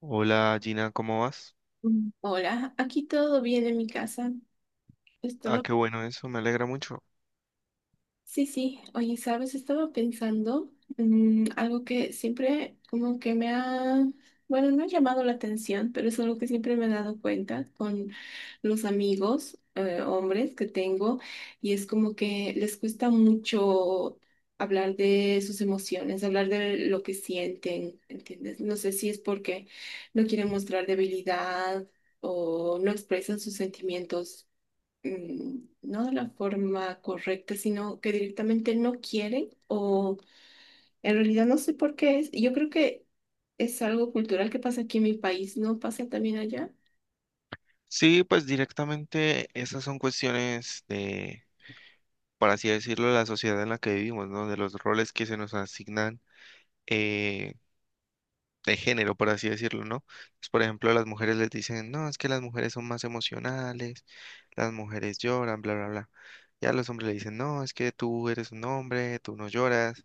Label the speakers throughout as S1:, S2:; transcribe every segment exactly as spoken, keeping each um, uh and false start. S1: Hola Gina, ¿cómo vas?
S2: Mm. Hola, aquí todo bien en mi casa.
S1: Ah,
S2: Estaba,
S1: qué bueno eso, me alegra mucho.
S2: sí, sí, oye, sabes, estaba pensando mm, algo que siempre como que me ha, bueno, no ha llamado la atención, pero es algo que siempre me he dado cuenta con los amigos, eh, hombres que tengo, y es como que les cuesta mucho hablar de sus emociones, hablar de lo que sienten, ¿entiendes? No sé si es porque no quieren mostrar debilidad o no expresan sus sentimientos mm, no de la forma correcta, sino que directamente no quieren o en realidad no sé por qué es. Yo creo que es algo cultural que pasa aquí en mi país, ¿no pasa también allá?
S1: Sí, pues directamente esas son cuestiones de, por así decirlo, la sociedad en la que vivimos, ¿no? De los roles que se nos asignan, eh, de género, por así decirlo, ¿no? Pues, por ejemplo, a las mujeres les dicen, no, es que las mujeres son más emocionales, las mujeres lloran, bla, bla, bla. Y a los hombres le dicen, no, es que tú eres un hombre, tú no lloras,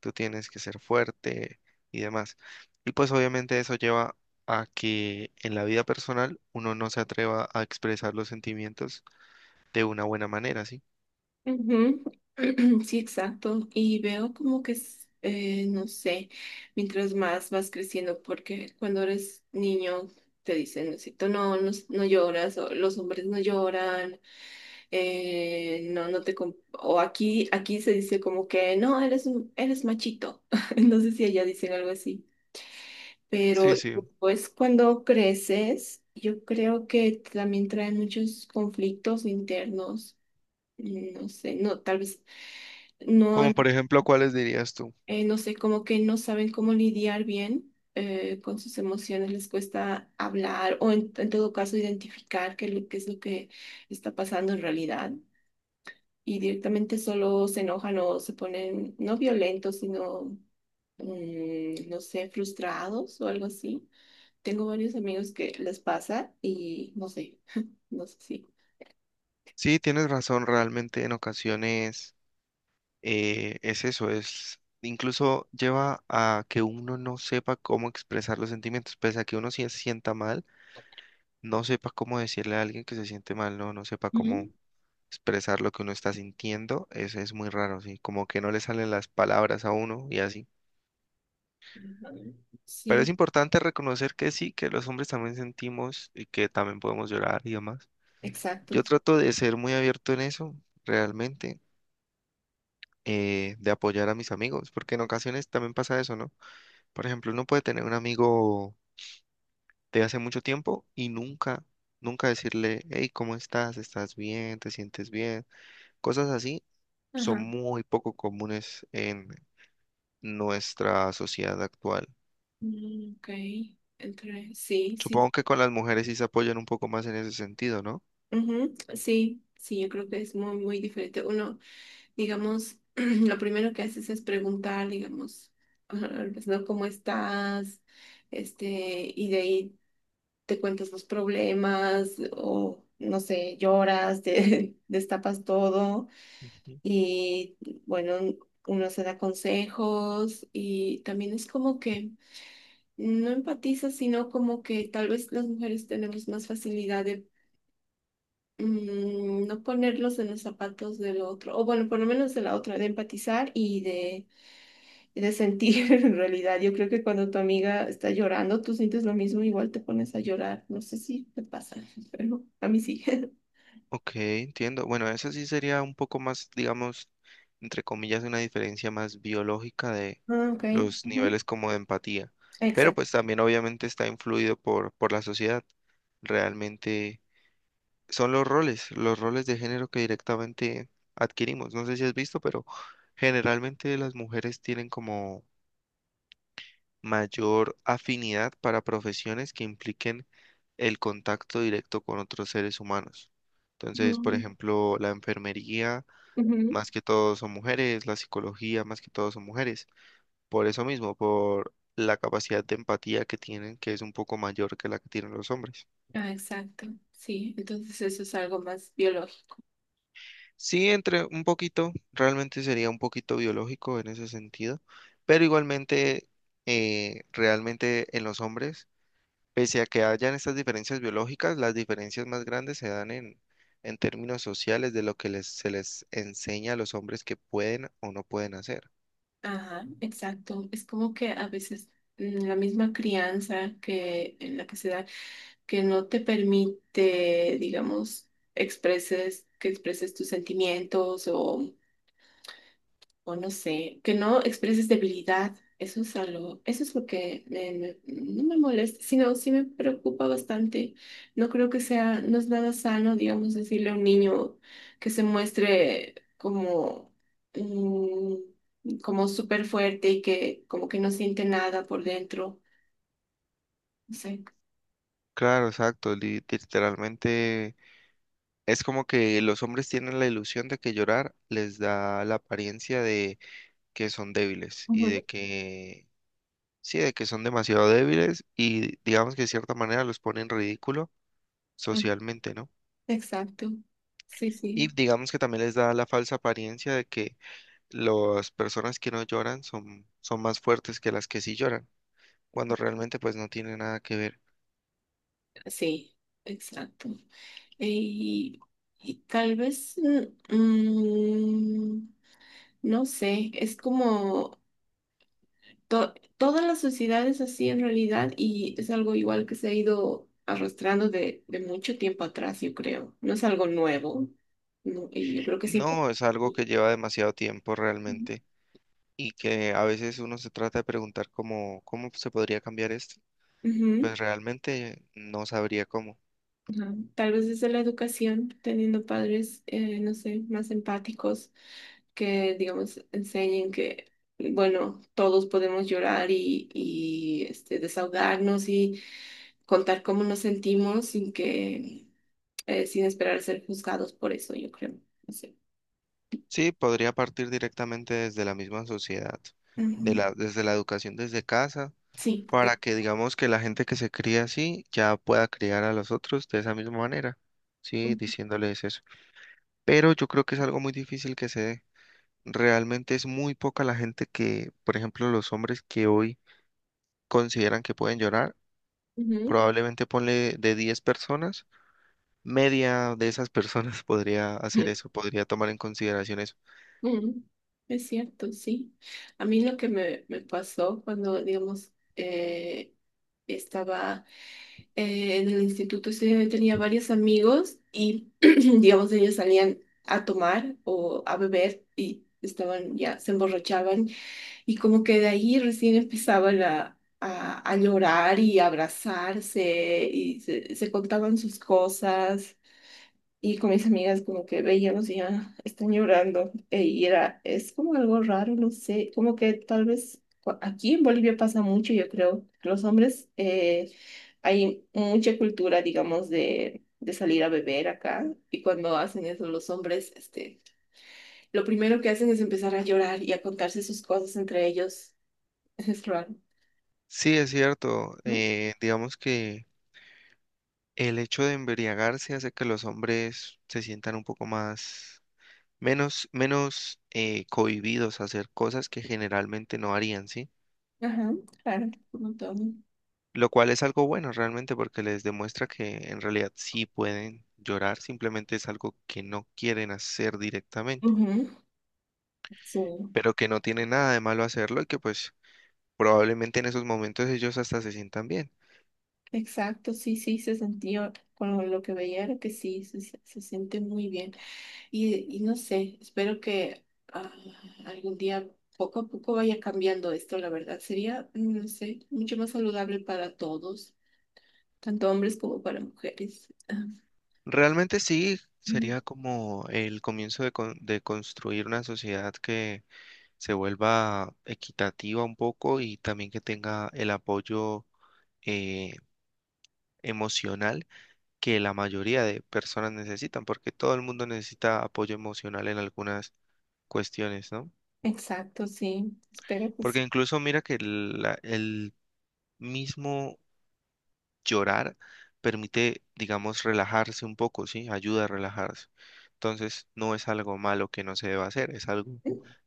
S1: tú tienes que ser fuerte y demás. Y pues obviamente eso lleva a que en la vida personal uno no se atreva a expresar los sentimientos de una buena manera, ¿sí?
S2: Ujú. Sí, exacto. Y veo como que, es, eh, no sé, mientras más vas creciendo, porque cuando eres niño te dicen, no, sé, tú no, no, no lloras, o los hombres no lloran, eh, no, no te... com- O aquí, aquí se dice como que, no, eres, un- eres machito. No sé si allá dicen algo así. Pero
S1: Sí, sí.
S2: pues cuando creces, yo creo que también trae muchos conflictos internos. No sé, no, tal vez no,
S1: Como por ejemplo, ¿cuáles dirías tú?
S2: eh, no sé, como que no saben cómo lidiar bien eh, con sus emociones, les cuesta hablar o en, en todo caso identificar qué, es lo- qué es lo que está pasando en realidad y directamente solo se enojan o se ponen no violentos, sino, mm, no sé, frustrados o algo así. Tengo varios amigos que les pasa y no sé, no sé si.
S1: Sí, tienes razón, realmente en ocasiones eh, es eso, es incluso lleva a que uno no sepa cómo expresar los sentimientos, pese a que uno sí se sienta mal, no sepa cómo decirle a alguien que se siente mal, no, no sepa cómo
S2: Ujú.
S1: expresar lo que uno está sintiendo, es es muy raro, sí, como que no le salen las palabras a uno y así. Pero es
S2: Sí,
S1: importante reconocer que sí, que los hombres también sentimos y que también podemos llorar y demás.
S2: exacto.
S1: Yo trato de ser muy abierto en eso, realmente, eh, de apoyar a mis amigos, porque en ocasiones también pasa eso, ¿no? Por ejemplo, uno puede tener un amigo de hace mucho tiempo y nunca, nunca decirle, hey, ¿cómo estás? ¿Estás bien? ¿Te sientes bien? Cosas así son
S2: Ajá.
S1: muy poco comunes en nuestra sociedad actual.
S2: Mm, ok, entre, sí, sí.
S1: Supongo que con las mujeres sí se apoyan un poco más en ese sentido, ¿no?
S2: Ujú, sí, sí, yo creo que es muy, muy diferente. Uno, digamos, lo primero que haces es preguntar, digamos, pues, ¿no? ¿Cómo estás? Este, y de ahí te cuentas los problemas o, no sé, lloras, te destapas todo
S1: Ujú.
S2: y, bueno, uno se da consejos y también es como que no empatizas, sino como que tal vez las mujeres tenemos más facilidad mm, no ponerlos en los zapatos del otro, o bueno, por lo menos de la otra, de empatizar y de, y de sentir en realidad. Yo creo que cuando tu amiga está llorando, tú sientes lo mismo, igual te pones a llorar. No sé si te pasa, pero a mí sí.
S1: Ok, entiendo. Bueno, esa sí sería un poco más, digamos, entre comillas, una diferencia más biológica de
S2: Ah, ok.
S1: los
S2: Ujú.
S1: niveles como de empatía. Pero
S2: Exacto.
S1: pues también obviamente está influido por, por la sociedad. Realmente. Son los roles, los roles de género que directamente adquirimos. No sé si has visto, pero generalmente las mujeres tienen como mayor afinidad para profesiones que impliquen el contacto directo con otros seres humanos. Entonces, por
S2: Mm,
S1: ejemplo, la enfermería,
S2: ujú.
S1: más que todo son mujeres, la psicología, más que todo son mujeres. Por eso mismo, por la capacidad de empatía que tienen, que es un poco mayor que la que tienen los hombres.
S2: Ah, exacto. Sí, entonces eso es algo más biológico.
S1: Sí, entre un poquito, realmente sería un poquito biológico en ese sentido, pero igualmente, eh, realmente en los hombres, pese a que hayan estas diferencias biológicas, las diferencias más grandes se dan en, en términos sociales de lo que les, se les enseña a los hombres que pueden o no pueden hacer.
S2: Ajá, exacto. Es como que a veces mm, la misma crianza que en la que se da que no te permite, digamos, expreses, que expreses tus sentimientos o, o no sé, que no expreses debilidad. Eso es algo, eso es lo que me- me- no me molesta, sino sí me preocupa bastante. No creo que sea, no es nada sano, digamos, decirle a un niño que se muestre como, mm, como súper fuerte y que como que no siente nada por dentro. No sé.
S1: Claro, exacto, li- literalmente es como que los hombres tienen la ilusión de que llorar les da la apariencia de que son débiles y de
S2: Ujú.
S1: que sí, de que son demasiado débiles y digamos que de cierta manera los pone en ridículo socialmente, ¿no?
S2: Exacto. Sí,
S1: Y
S2: sí.
S1: digamos que también les da la falsa apariencia de que las personas que no lloran son, son más fuertes que las que sí lloran, cuando realmente pues no tiene nada que ver.
S2: Sí, exacto. Y, y tal vez, mm, mm, no sé, es como to- toda la sociedad es así en realidad y es algo igual que se ha ido arrastrando de, de mucho tiempo atrás, yo creo. No es algo nuevo, no, y yo creo que sí.
S1: No, es algo que lleva demasiado tiempo realmente y que a veces uno se trata de preguntar cómo, cómo se podría cambiar esto.
S2: Ujú,
S1: Pues realmente no sabría cómo.
S2: ajá. Tal vez desde la educación, teniendo padres, eh, no sé, más empáticos que, digamos, enseñen que, bueno, todos podemos llorar y, y, este, desahogarnos y contar cómo nos sentimos sin que, eh, sin esperar ser juzgados por eso, yo creo. No sé.
S1: Sí, podría partir directamente desde la misma sociedad, de
S2: Ujú.
S1: la, desde la educación desde casa,
S2: Sí,
S1: para
S2: de-
S1: que digamos que la gente que se cría así ya pueda criar a los otros de esa misma manera, sí,
S2: ujú.
S1: diciéndoles eso. Pero yo creo que es algo muy difícil que se dé. Realmente es muy poca la gente que, por ejemplo, los hombres que hoy consideran que pueden llorar, probablemente ponle de diez personas, media de esas personas podría hacer eso, podría tomar en consideración eso.
S2: Ujú. Es cierto, sí. A mí lo que me, me pasó cuando, digamos, eh, estaba eh, en el instituto ese tenía varios amigos y, digamos, ellos salían a tomar o a beber y estaban ya, se emborrachaban y como que de ahí recién empezaban a, a, a llorar y a abrazarse y se, se contaban sus cosas. Y con mis amigas como que veíamos y ya están llorando. E- Y era, es como algo raro, no sé, como que tal vez cua- aquí en Bolivia pasa mucho, yo creo. Los hombres eh, hay mucha cultura, digamos, de, de salir a beber acá y cuando hacen eso los hombres, este, lo primero que hacen es empezar a llorar y a contarse sus cosas entre ellos. Es raro,
S1: Sí, es cierto.
S2: ¿no?
S1: Eh, digamos que el hecho de embriagarse hace que los hombres se sientan un poco más, menos, menos eh, cohibidos a hacer cosas que generalmente no harían, ¿sí?
S2: Ajá, claro, un montón.
S1: Lo cual es algo bueno realmente porque les demuestra que en realidad sí pueden llorar, simplemente es algo que no quieren hacer directamente,
S2: Ujú, sí,
S1: pero que no tiene nada de malo hacerlo y que pues probablemente en esos momentos ellos hasta se sientan bien.
S2: exacto, sí, sí, se sentía con lo que veía era que sí, se, se- se siente muy bien. Y, y no sé, espero que ah, algún día poco a poco vaya cambiando esto, la verdad. Sería, no sé, mucho más saludable para todos, tanto hombres como para mujeres. Ah,
S1: Realmente sí,
S2: ujú.
S1: sería como el comienzo de, con- de construir una sociedad que se vuelva equitativa un poco y también que tenga el apoyo eh, emocional que la mayoría de personas necesitan, porque todo el mundo necesita apoyo emocional en algunas cuestiones, ¿no?
S2: Exacto, sí. Espero que sí.
S1: Porque incluso mira que el, la- el mismo llorar permite, digamos, relajarse un poco, ¿sí? Ayuda a relajarse. Entonces, no es algo malo que no se deba hacer, es algo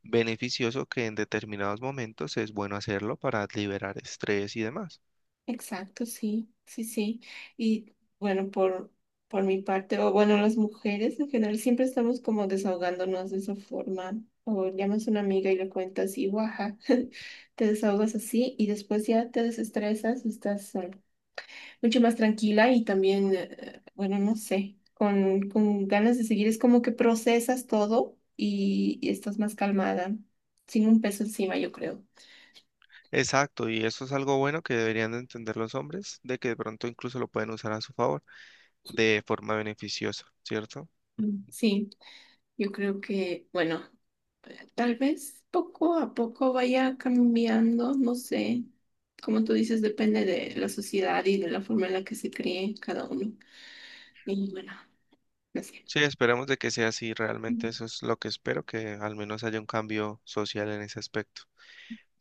S1: beneficioso que en determinados momentos es bueno hacerlo para liberar estrés y demás.
S2: Exacto, sí, sí, sí. Y bueno, por, por mi parte, o bueno, las mujeres en general siempre estamos como desahogándonos de esa forma. O llamas a una amiga y le cuentas y guaja, te desahogas así y después ya te desestresas, estás eh, mucho más tranquila y también, eh, bueno, no sé, con, con ganas de seguir. Es como que procesas todo y, y estás más calmada, sin un peso encima, yo creo.
S1: Exacto, y eso es algo bueno que deberían de entender los hombres, de que de pronto incluso lo pueden usar a su favor de forma beneficiosa, ¿cierto?
S2: Mm, sí, yo creo que, bueno, eh, tal vez poco a poco vaya cambiando, no sé. Como tú dices, depende de la sociedad y de la forma en la que se críe cada uno. Y bueno, no sé.
S1: Sí, esperemos de que sea así, realmente
S2: Mm.
S1: eso es lo que espero, que al menos haya un cambio social en ese aspecto.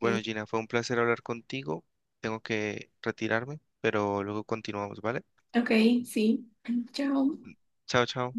S1: Bueno, Gina, fue un placer hablar contigo, tengo que retirarme, pero luego continuamos, ¿vale?
S2: Ok, sí. Chao.
S1: Chao, chao.